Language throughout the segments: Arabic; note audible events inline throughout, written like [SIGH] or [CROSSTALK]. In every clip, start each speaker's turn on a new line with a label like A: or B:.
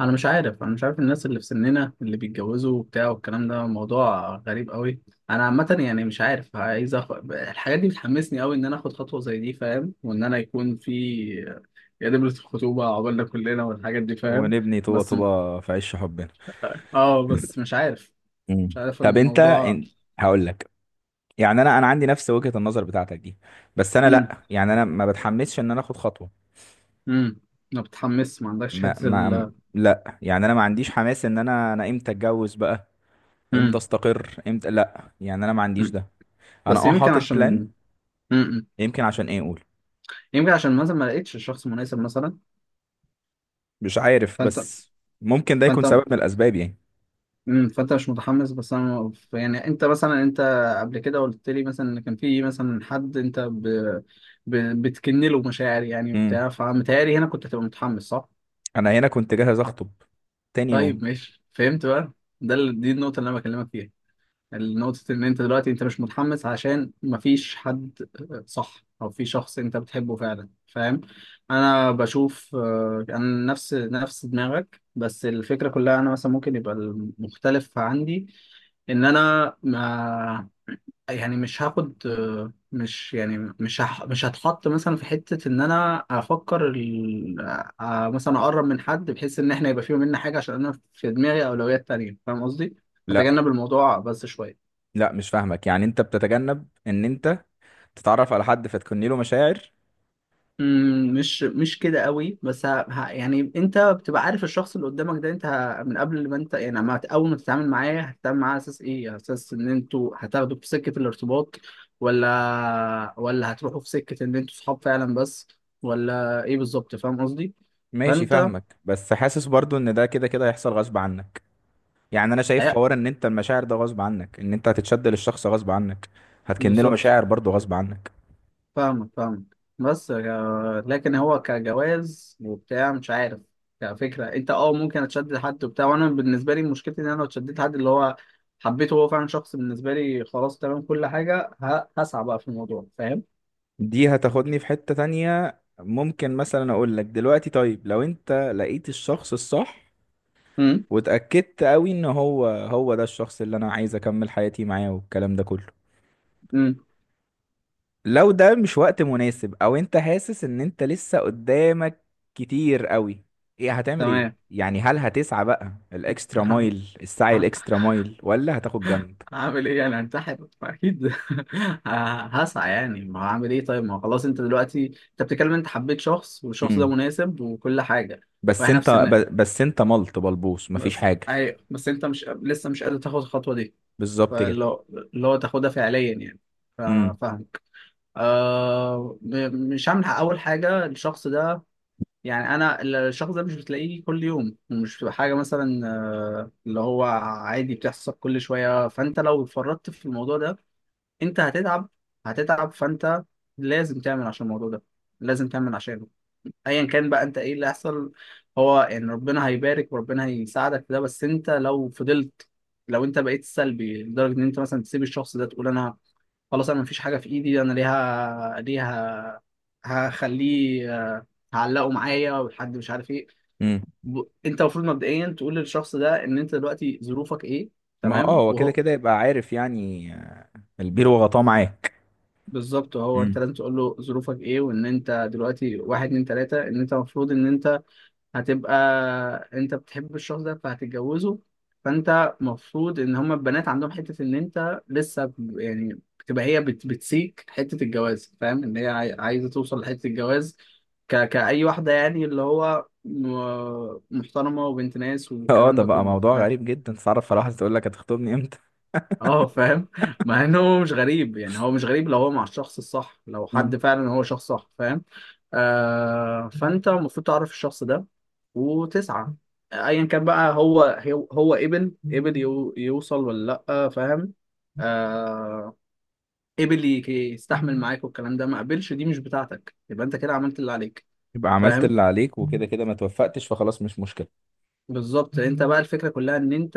A: انا مش عارف الناس اللي في سننا اللي بيتجوزوا وبتاع والكلام ده موضوع غريب قوي. انا عامه يعني مش عارف الحاجات دي بتحمسني قوي ان انا اخد خطوه زي دي، فاهم؟ وان انا يكون في يا دبلة الخطوبه عقبالنا كلنا والحاجات دي، فاهم.
B: ونبني طوبة
A: بس.
B: طوبة في عش حبنا.
A: اه بس مش عارف.
B: مم.
A: مش عارف
B: طب انت
A: الموضوع.
B: هقول لك. يعني انا عندي نفس وجهة النظر بتاعتك دي. بس انا
A: امم
B: لا، يعني انا ما بتحمسش ان انا اخد خطوة.
A: امم ما بتحمس؟ ما عندكش
B: ما
A: حته
B: ما لا يعني انا ما عنديش حماس ان انا امتى اتجوز بقى، امتى
A: امم
B: استقر، امتى. لا، يعني انا ما عنديش
A: امم
B: ده. انا
A: بس يمكن
B: حاطط بلان.
A: عشان امم
B: يمكن عشان ايه؟ اقول
A: يمكن عشان مثلا ما لقيتش الشخص المناسب مثلا.
B: مش عارف
A: فانت
B: بس. ممكن ده يكون
A: فانت
B: سبب من الاسباب يعني.
A: فانت مش متحمس، بس انا يعني انت مثلا انت قبل كده قلت لي مثلا ان كان في مثلا حد ب... بتكن له مشاعر يعني
B: امم
A: وبتاع، فمتهيألي هنا كنت هتبقى متحمس، صح؟
B: انا هنا كنت جاهز اخطب تاني يوم.
A: طيب ماشي، فهمت بقى. دي النقطة اللي انا بكلمك فيها. نقطة إن أنت دلوقتي أنت مش متحمس عشان مفيش حد، صح؟ أو في شخص أنت بتحبه فعلا، فاهم. أنا بشوف، أنا نفس دماغك، بس الفكرة كلها أنا مثلا ممكن يبقى المختلف عندي إن أنا ما يعني مش هاخد، آه، مش يعني مش هح- مش هتحط مثلا في حتة إن أنا أفكر مثلا أقرب من حد بحيث إن إحنا يبقى فيه مننا حاجة، عشان أنا في دماغي أولويات تانية، فاهم قصدي؟
B: لا،
A: أتجنب الموضوع بس شوية.
B: لا، مش فاهمك، يعني انت بتتجنب ان انت تتعرف على حد فتكني له مشاعر؟
A: مش كده قوي بس يعني انت بتبقى عارف الشخص اللي قدامك ده انت من قبل ما انت يعني ما هت- اول ما تتعامل معاه، هتتعامل معاه على اساس ايه؟ على اساس ان انتوا هتاخدوا في سكة الارتباط ولا هتروحوا في سكة ان انتوا صحاب فعلا بس، ولا ايه بالظبط؟ فاهم قصدي؟
B: ماشي،
A: فانت.
B: فاهمك، بس حاسس برضو ان ده كده كده هيحصل غصب عنك. يعني انا شايف
A: أي-
B: حوار ان انت المشاعر ده غصب عنك، ان انت هتتشد للشخص غصب عنك، هتكن له
A: بالظبط.
B: مشاعر برضو غصب عنك.
A: فاهمك فاهمك، بس لكن هو كجواز وبتاع مش عارف. كفكرة انت اه ممكن اتشدد لحد وبتاع، وانا بالنسبة لي مشكلتي ان انا لو اتشددت لحد اللي هو حبيته، هو فعلا شخص بالنسبة لي خلاص تمام كل حاجة، هسعى بقى في الموضوع، فاهم؟
B: دي هتاخدني في حتة تانية. ممكن مثلا اقول لك دلوقتي، طيب لو انت لقيت الشخص الصح
A: امم.
B: واتأكدت قوي ان هو هو ده الشخص اللي انا عايز اكمل حياتي معاه والكلام ده كله،
A: امم.
B: لو ده مش وقت مناسب او انت حاسس ان انت لسه قدامك كتير قوي، ايه هتعمل ايه
A: تمام.
B: يعني، هل هتسعى بقى الاكسترا
A: [LAUGHS]
B: مايل، السعي
A: ه-
B: الاكسترا مايل، ولا هتاخد جنب؟
A: هعمل ايه يعني؟ هنتحر اكيد. [LAUGHS] هسعى يعني، ما هعمل ايه؟ طيب ما هو خلاص انت دلوقتي انت بتتكلم، انت حبيت شخص والشخص ده
B: امم
A: مناسب وكل حاجة
B: بس
A: واحنا في
B: انت
A: سننا.
B: بس انت ملط بلبوس مفيش
A: بس
B: حاجه.
A: ايوه، بس انت مش لسه، مش قادر تاخد الخطوه دي،
B: بالظبط كده.
A: فاللي هو اللي هو تاخدها فعليا يعني.
B: امم.
A: فاهمك. مش هعمل اول حاجه الشخص ده، يعني انا الشخص ده مش بتلاقيه كل يوم، مش بتبقى حاجه مثلا، اللي هو عادي بتحصل كل شويه. فانت لو اتفرطت في الموضوع ده انت هتتعب. هتتعب، فانت لازم تعمل عشان الموضوع ده، لازم تعمل عشانه ايا كان بقى انت. ايه اللي هيحصل؟ هو يعني ربنا هيبارك وربنا هيساعدك في ده، بس انت لو فضلت، لو انت بقيت سلبي لدرجه ان انت مثلا تسيب الشخص ده تقول انا خلاص، انا مفيش حاجه في ايدي، انا ليها هخليه، آه، هعلقه معايا والحد مش عارف ايه.
B: امم.
A: انت المفروض مبدئيا تقول للشخص ده ان انت دلوقتي ظروفك ايه،
B: ما هو
A: تمام؟
B: هو كده
A: وهو
B: كده يبقى عارف يعني، البير وغطاه معاك.
A: بالظبط، هو انت
B: امم.
A: لازم تقول له ظروفك ايه، وان انت دلوقتي واحد اتنين تلاته، ان انت المفروض ان انت هتبقى، انت بتحب الشخص ده فهتتجوزه. فانت مفروض ان هما البنات عندهم حتة ان انت لسه يعني بتبقى هي بت بتسيك حتة الجواز، فاهم؟ ان هي عايزة توصل لحتة الجواز، كأي واحدة يعني، اللي هو محترمة وبنت ناس
B: [LAUGHS] اه،
A: والكلام
B: ده
A: ده
B: بقى
A: كله.
B: موضوع غريب جدا. تعرف فرح تقول لك هتخطبني امتى؟
A: اه فاهم. مع ان هو مش غريب يعني، هو مش غريب لو هو مع الشخص الصح، لو
B: مم.
A: حد فعلا هو شخص صح، فاهم. آه، فانت المفروض تعرف الشخص ده وتسعى ايا كان بقى، هو ابن يوصل ولا لا، فاهم. آه، يستحمل معاك والكلام ده، ما قبلش، دي مش بتاعتك، يبقى انت كده عملت اللي عليك،
B: يبقى عملت
A: فاهم.
B: اللي عليك، وكده كده ما توفقتش فخلاص، مش مشكله.
A: بالظبط. انت بقى الفكره كلها ان انت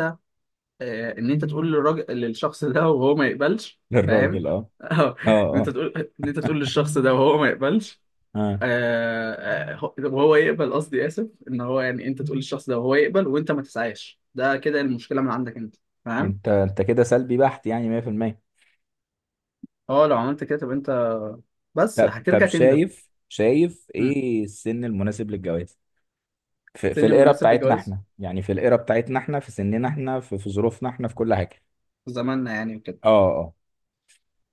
A: ان انت تقول للراجل، للشخص ده وهو ما يقبلش،
B: [LAUGHS]
A: فاهم.
B: للراجل، اه.
A: [LAUGHS] اه.
B: اه،
A: ان انت
B: اه.
A: تقول، ان انت تقول للشخص ده وهو ما يقبلش.
B: اه.
A: آه، وهو يقبل، قصدي اسف، ان هو يعني انت تقول للشخص ده وهو يقبل وانت ما تسعاش، ده كده المشكله من عندك انت، فاهم.
B: انت كده سلبي بحت يعني 100%.
A: اه لو عملت كده تبقى انت، بس
B: طب
A: هترجع تندم.
B: شايف
A: مم.
B: ايه السن المناسب للجواز؟ في
A: سن
B: الايرا
A: مناسب
B: بتاعتنا
A: للجواز
B: احنا، يعني في الايرا بتاعتنا احنا، في سننا احنا، في ظروفنا احنا، في كل حاجه.
A: في زماننا يعني وكده.
B: اه. اه.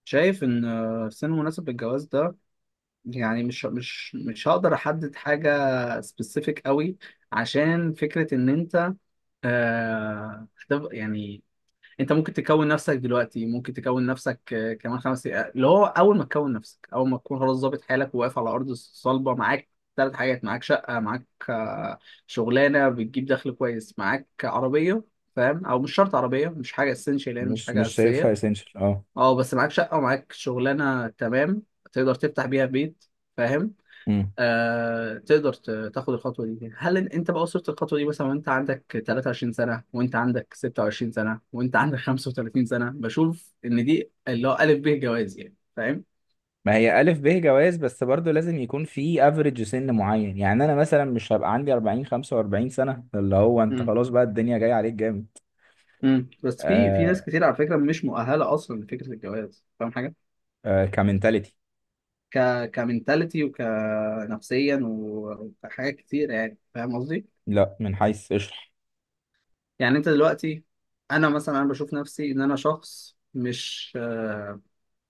A: شايف ان سن مناسب للجواز ده يعني مش هقدر احدد حاجه سبيسيفيك قوي، عشان فكرة إن أنت. آه، طب يعني انت ممكن تكون نفسك دلوقتي، ممكن تكون نفسك كمان 5 دقايق، اللي هو اول ما تكون نفسك، اول ما تكون خلاص ظابط حالك وواقف على ارض صلبه. معاك 3 حاجات: معاك شقه، معاك شغلانه بتجيب دخل كويس، معاك عربيه، فاهم. او مش شرط عربيه، مش حاجه اسينشال يعني، مش
B: مش
A: حاجه
B: مش شايفها
A: اساسيه.
B: اسينشال، اه.
A: اه بس معاك شقه ومعاك شغلانه، تمام، تقدر تفتح بيها بيت، فاهم.
B: امم.
A: آه، تقدر تاخد الخطوه دي. هل انت بقى وصلت الخطوه دي مثلا وانت عندك 23 سنه، وانت عندك 26 سنه، وانت عندك 35 سنه؟ بشوف ان دي اللي هو الف ب جواز يعني، فاهم.
B: ما هي الف ب جواز، بس برضو لازم يكون في افريج سن معين. يعني انا مثلا مش هبقى عندي 40 45 سنه اللي هو انت
A: امم.
B: خلاص بقى الدنيا جايه عليك جامد.
A: امم. بس في ناس
B: آه.
A: كتير على فكره مش مؤهله اصلا لفكره الجواز، فاهم حاجه،
B: آه، كمنتاليتي.
A: ك كمنتاليتي وكنفسيا وكحاجات كتير يعني، فاهم قصدي.
B: لا، من حيث اشرح.
A: يعني انت دلوقتي، انا مثلا انا بشوف نفسي ان انا شخص مش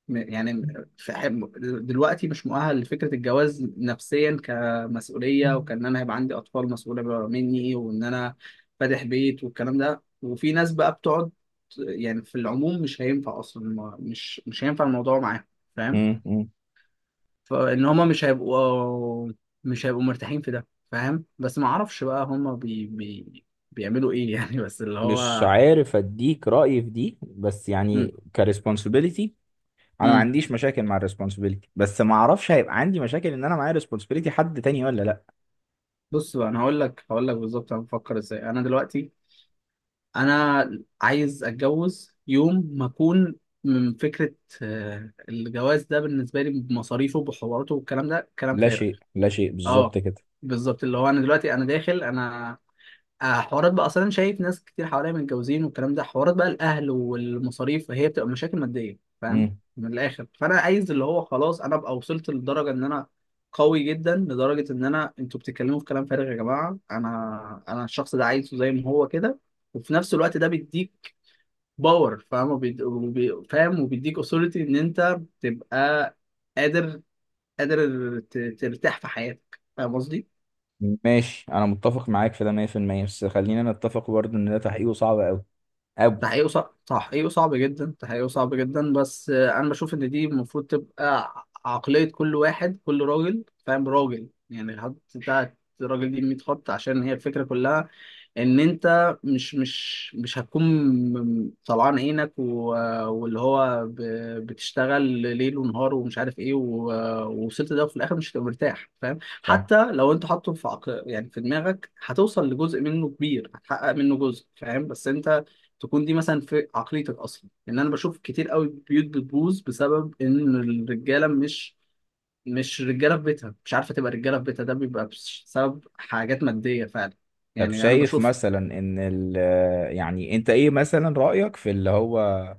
A: يعني في حب- دلوقتي مش مؤهل لفكرة الجواز نفسيا، كمسؤولية، وكأن أنا هيبقى عندي أطفال مسؤولة بقى مني وإن أنا فاتح بيت والكلام ده. وفي ناس بقى بتقعد يعني، في العموم مش هينفع أصلا، مش هينفع الموضوع معاهم، فاهم. فإن هما مش هيبقوا، مش هيبقوا مرتاحين في ده، فاهم. بس ما أعرفش بقى هما بي بي بيعملوا إيه يعني؟ [LAUGHS] بس اللي
B: مش
A: هو
B: عارف اديك رأيي في دي، بس
A: م-
B: يعني كريسبونسبيلتي. انا ما
A: م.
B: عنديش مشاكل مع الريسبونسبيلتي، بس ما اعرفش هيبقى عندي مشاكل ان انا معايا ريسبونسبيلتي حد تاني ولا لا.
A: بص بقى، أنا هقول لك، هقول لك بالظبط أنا بفكر إزاي. أنا دلوقتي انا عايز اتجوز يوم ما اكون من فكره الجواز ده بالنسبه لي بمصاريفه وبحواراته والكلام ده كلام
B: لا
A: فارغ.
B: شيء، لا شيء. بالظبط
A: اه
B: كده.
A: بالظبط، اللي هو انا دلوقتي انا داخل انا حوارات بقى، اصلا شايف ناس كتير حواليا متجوزين والكلام ده. حوارات بقى الاهل والمصاريف هي بتبقى مشاكل ماديه، فاهم.
B: امم.
A: من الاخر، فانا عايز اللي هو خلاص انا ابقى وصلت لدرجه ان قوي جدا لدرجه ان انا انتوا بتتكلموا في كلام فارغ يا جماعه، انا الشخص ده عايزه زي ما هو كده. وفي نفس الوقت ده بيديك باور، فاهم، فاهم، وبيديك اثوريتي ان انت تبقى قادر، قادر ترتاح في حياتك، فاهم قصدي؟
B: ماشي، انا متفق معاك في ده 100%، بس خلينا نتفق برضه ان ده تحقيقه صعب قوي قوي.
A: تحقيقه صعب، تحقيقه صعب جدا، تحقيقه صعب جدا، بس انا بشوف ان دي المفروض تبقى عقلية كل واحد، كل راجل، فاهم، راجل يعني. الحد بتاعت الراجل دي 100 خط، عشان هي الفكرة كلها ان انت مش هتكون طلعان عينك و... واللي هو ب... بتشتغل ليل ونهار ومش عارف ايه ووصلت ده وفي الاخر مش هتبقى مرتاح، فاهم.
B: صح.
A: حتى لو انت يعني في دماغك هتوصل لجزء منه كبير، هتحقق منه جزء، فاهم، بس انت تكون دي مثلا في عقليتك اصلا، لان انا بشوف كتير قوي بيوت بتبوظ بسبب ان الرجاله مش، مش رجاله في بيتها، مش عارفه تبقى رجاله في بيتها، ده بيبقى بسبب حاجات ماديه فعلا
B: طب
A: يعني. انا
B: شايف
A: بشوف.
B: مثلا ان يعني انت ايه مثلا رأيك في اللي هو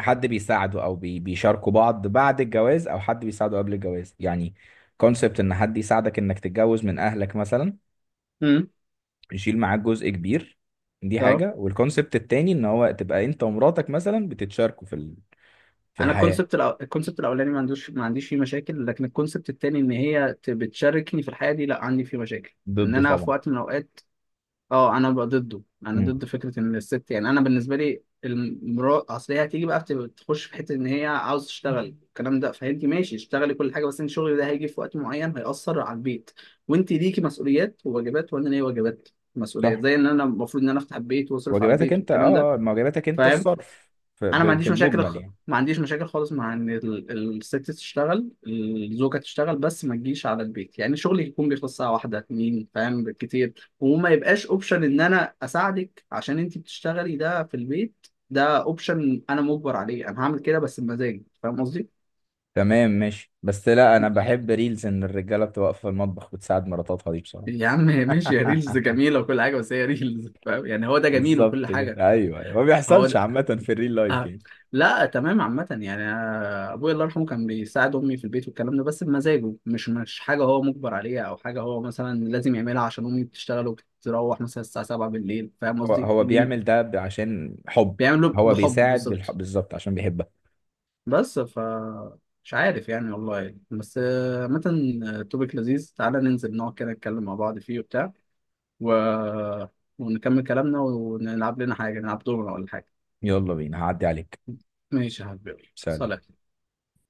B: حد بيساعده او بيشاركوا بعض بعد الجواز او حد بيساعده قبل الجواز يعني؟ كونسبت ان حد يساعدك انك تتجوز من اهلك مثلا
A: امم.
B: يشيل معاك جزء كبير، دي
A: اه
B: حاجة. والكونسبت التاني ان هو تبقى انت ومراتك مثلا بتتشاركوا في في
A: انا
B: الحياة.
A: الكونسبت الكونسبت الاولاني ما عندوش، ما عنديش فيه مشاكل، لكن الكونسبت التاني ان هي بتشاركني في الحياه دي، لا عندي فيه مشاكل، ان
B: ضده
A: انا في
B: طبعا.
A: وقت من الاوقات، اه انا بقى ضده. انا
B: امم.
A: ضد فكره ان الست يعني، انا بالنسبه لي المراه اصل هي هتيجي بقى تخش في حته ان هي عاوز تشتغل الكلام ده، فانت ماشي اشتغلي كل حاجه، بس انت شغلك ده هيجي في وقت معين هيأثر على البيت، وانت ليكي مسؤوليات وواجبات، وانا ليا واجبات، مسؤوليات،
B: صح.
A: زي ان انا المفروض ان انا افتح البيت واصرف على
B: واجباتك
A: البيت
B: انت،
A: والكلام ده،
B: ما واجباتك انت
A: فاهم.
B: الصرف
A: انا ما
B: في
A: عنديش مشاكل
B: المجمل يعني.
A: ما عنديش مشاكل خالص مع ان الست تشتغل، الزوجه تشتغل، بس ما تجيش على البيت، يعني شغلي يكون بيخلص ساعه واحده اتنين، فاهم، بالكتير. وما يبقاش اوبشن ان انا اساعدك عشان انت بتشتغلي، ده في البيت ده اوبشن، انا مجبر عليه، انا هعمل كده بس بمزاجي، فاهم قصدي.
B: تمام، ماشي، بس لا، انا بحب ريلز ان الرجالة بتبقى واقفة في المطبخ بتساعد مراتاتها دي بصراحة.
A: يا عم ماشي، يا ريلز
B: [LAUGHS]
A: جميله وكل حاجه، بس هي ريلز، فاهم يعني، هو ده جميل وكل
B: بالظبط
A: حاجه.
B: كده، ايوه، ايوه. ما
A: هو
B: بيحصلش عامة في الريل لايف
A: آه.
B: يعني.
A: لا تمام عامة يعني، أنا أبويا الله يرحمه كان بيساعد أمي في البيت والكلام ده، بس بمزاجه، مش مش حاجة هو مجبر عليها أو حاجة هو مثلا لازم يعملها عشان أمي بتشتغل وبتروح مثلا الساعة 7 بالليل، فاهم
B: هو
A: قصدي؟
B: هو بيعمل ده عشان حب.
A: بيعمله
B: هو
A: بحب،
B: بيساعد بالحب
A: بالظبط.
B: بالظبط عشان بيحبك.
A: بس ف مش عارف يعني والله يعني. بس عامة، توبيك لذيذ، تعالى ننزل نقعد كده نتكلم مع بعض فيه وبتاع و... ونكمل كلامنا ونلعب لنا حاجة، نلعب دورنا ولا حاجة.
B: يلا بينا، هعدي عليك.
A: ماشي يا حبيبي،
B: سلام.
A: صلاة.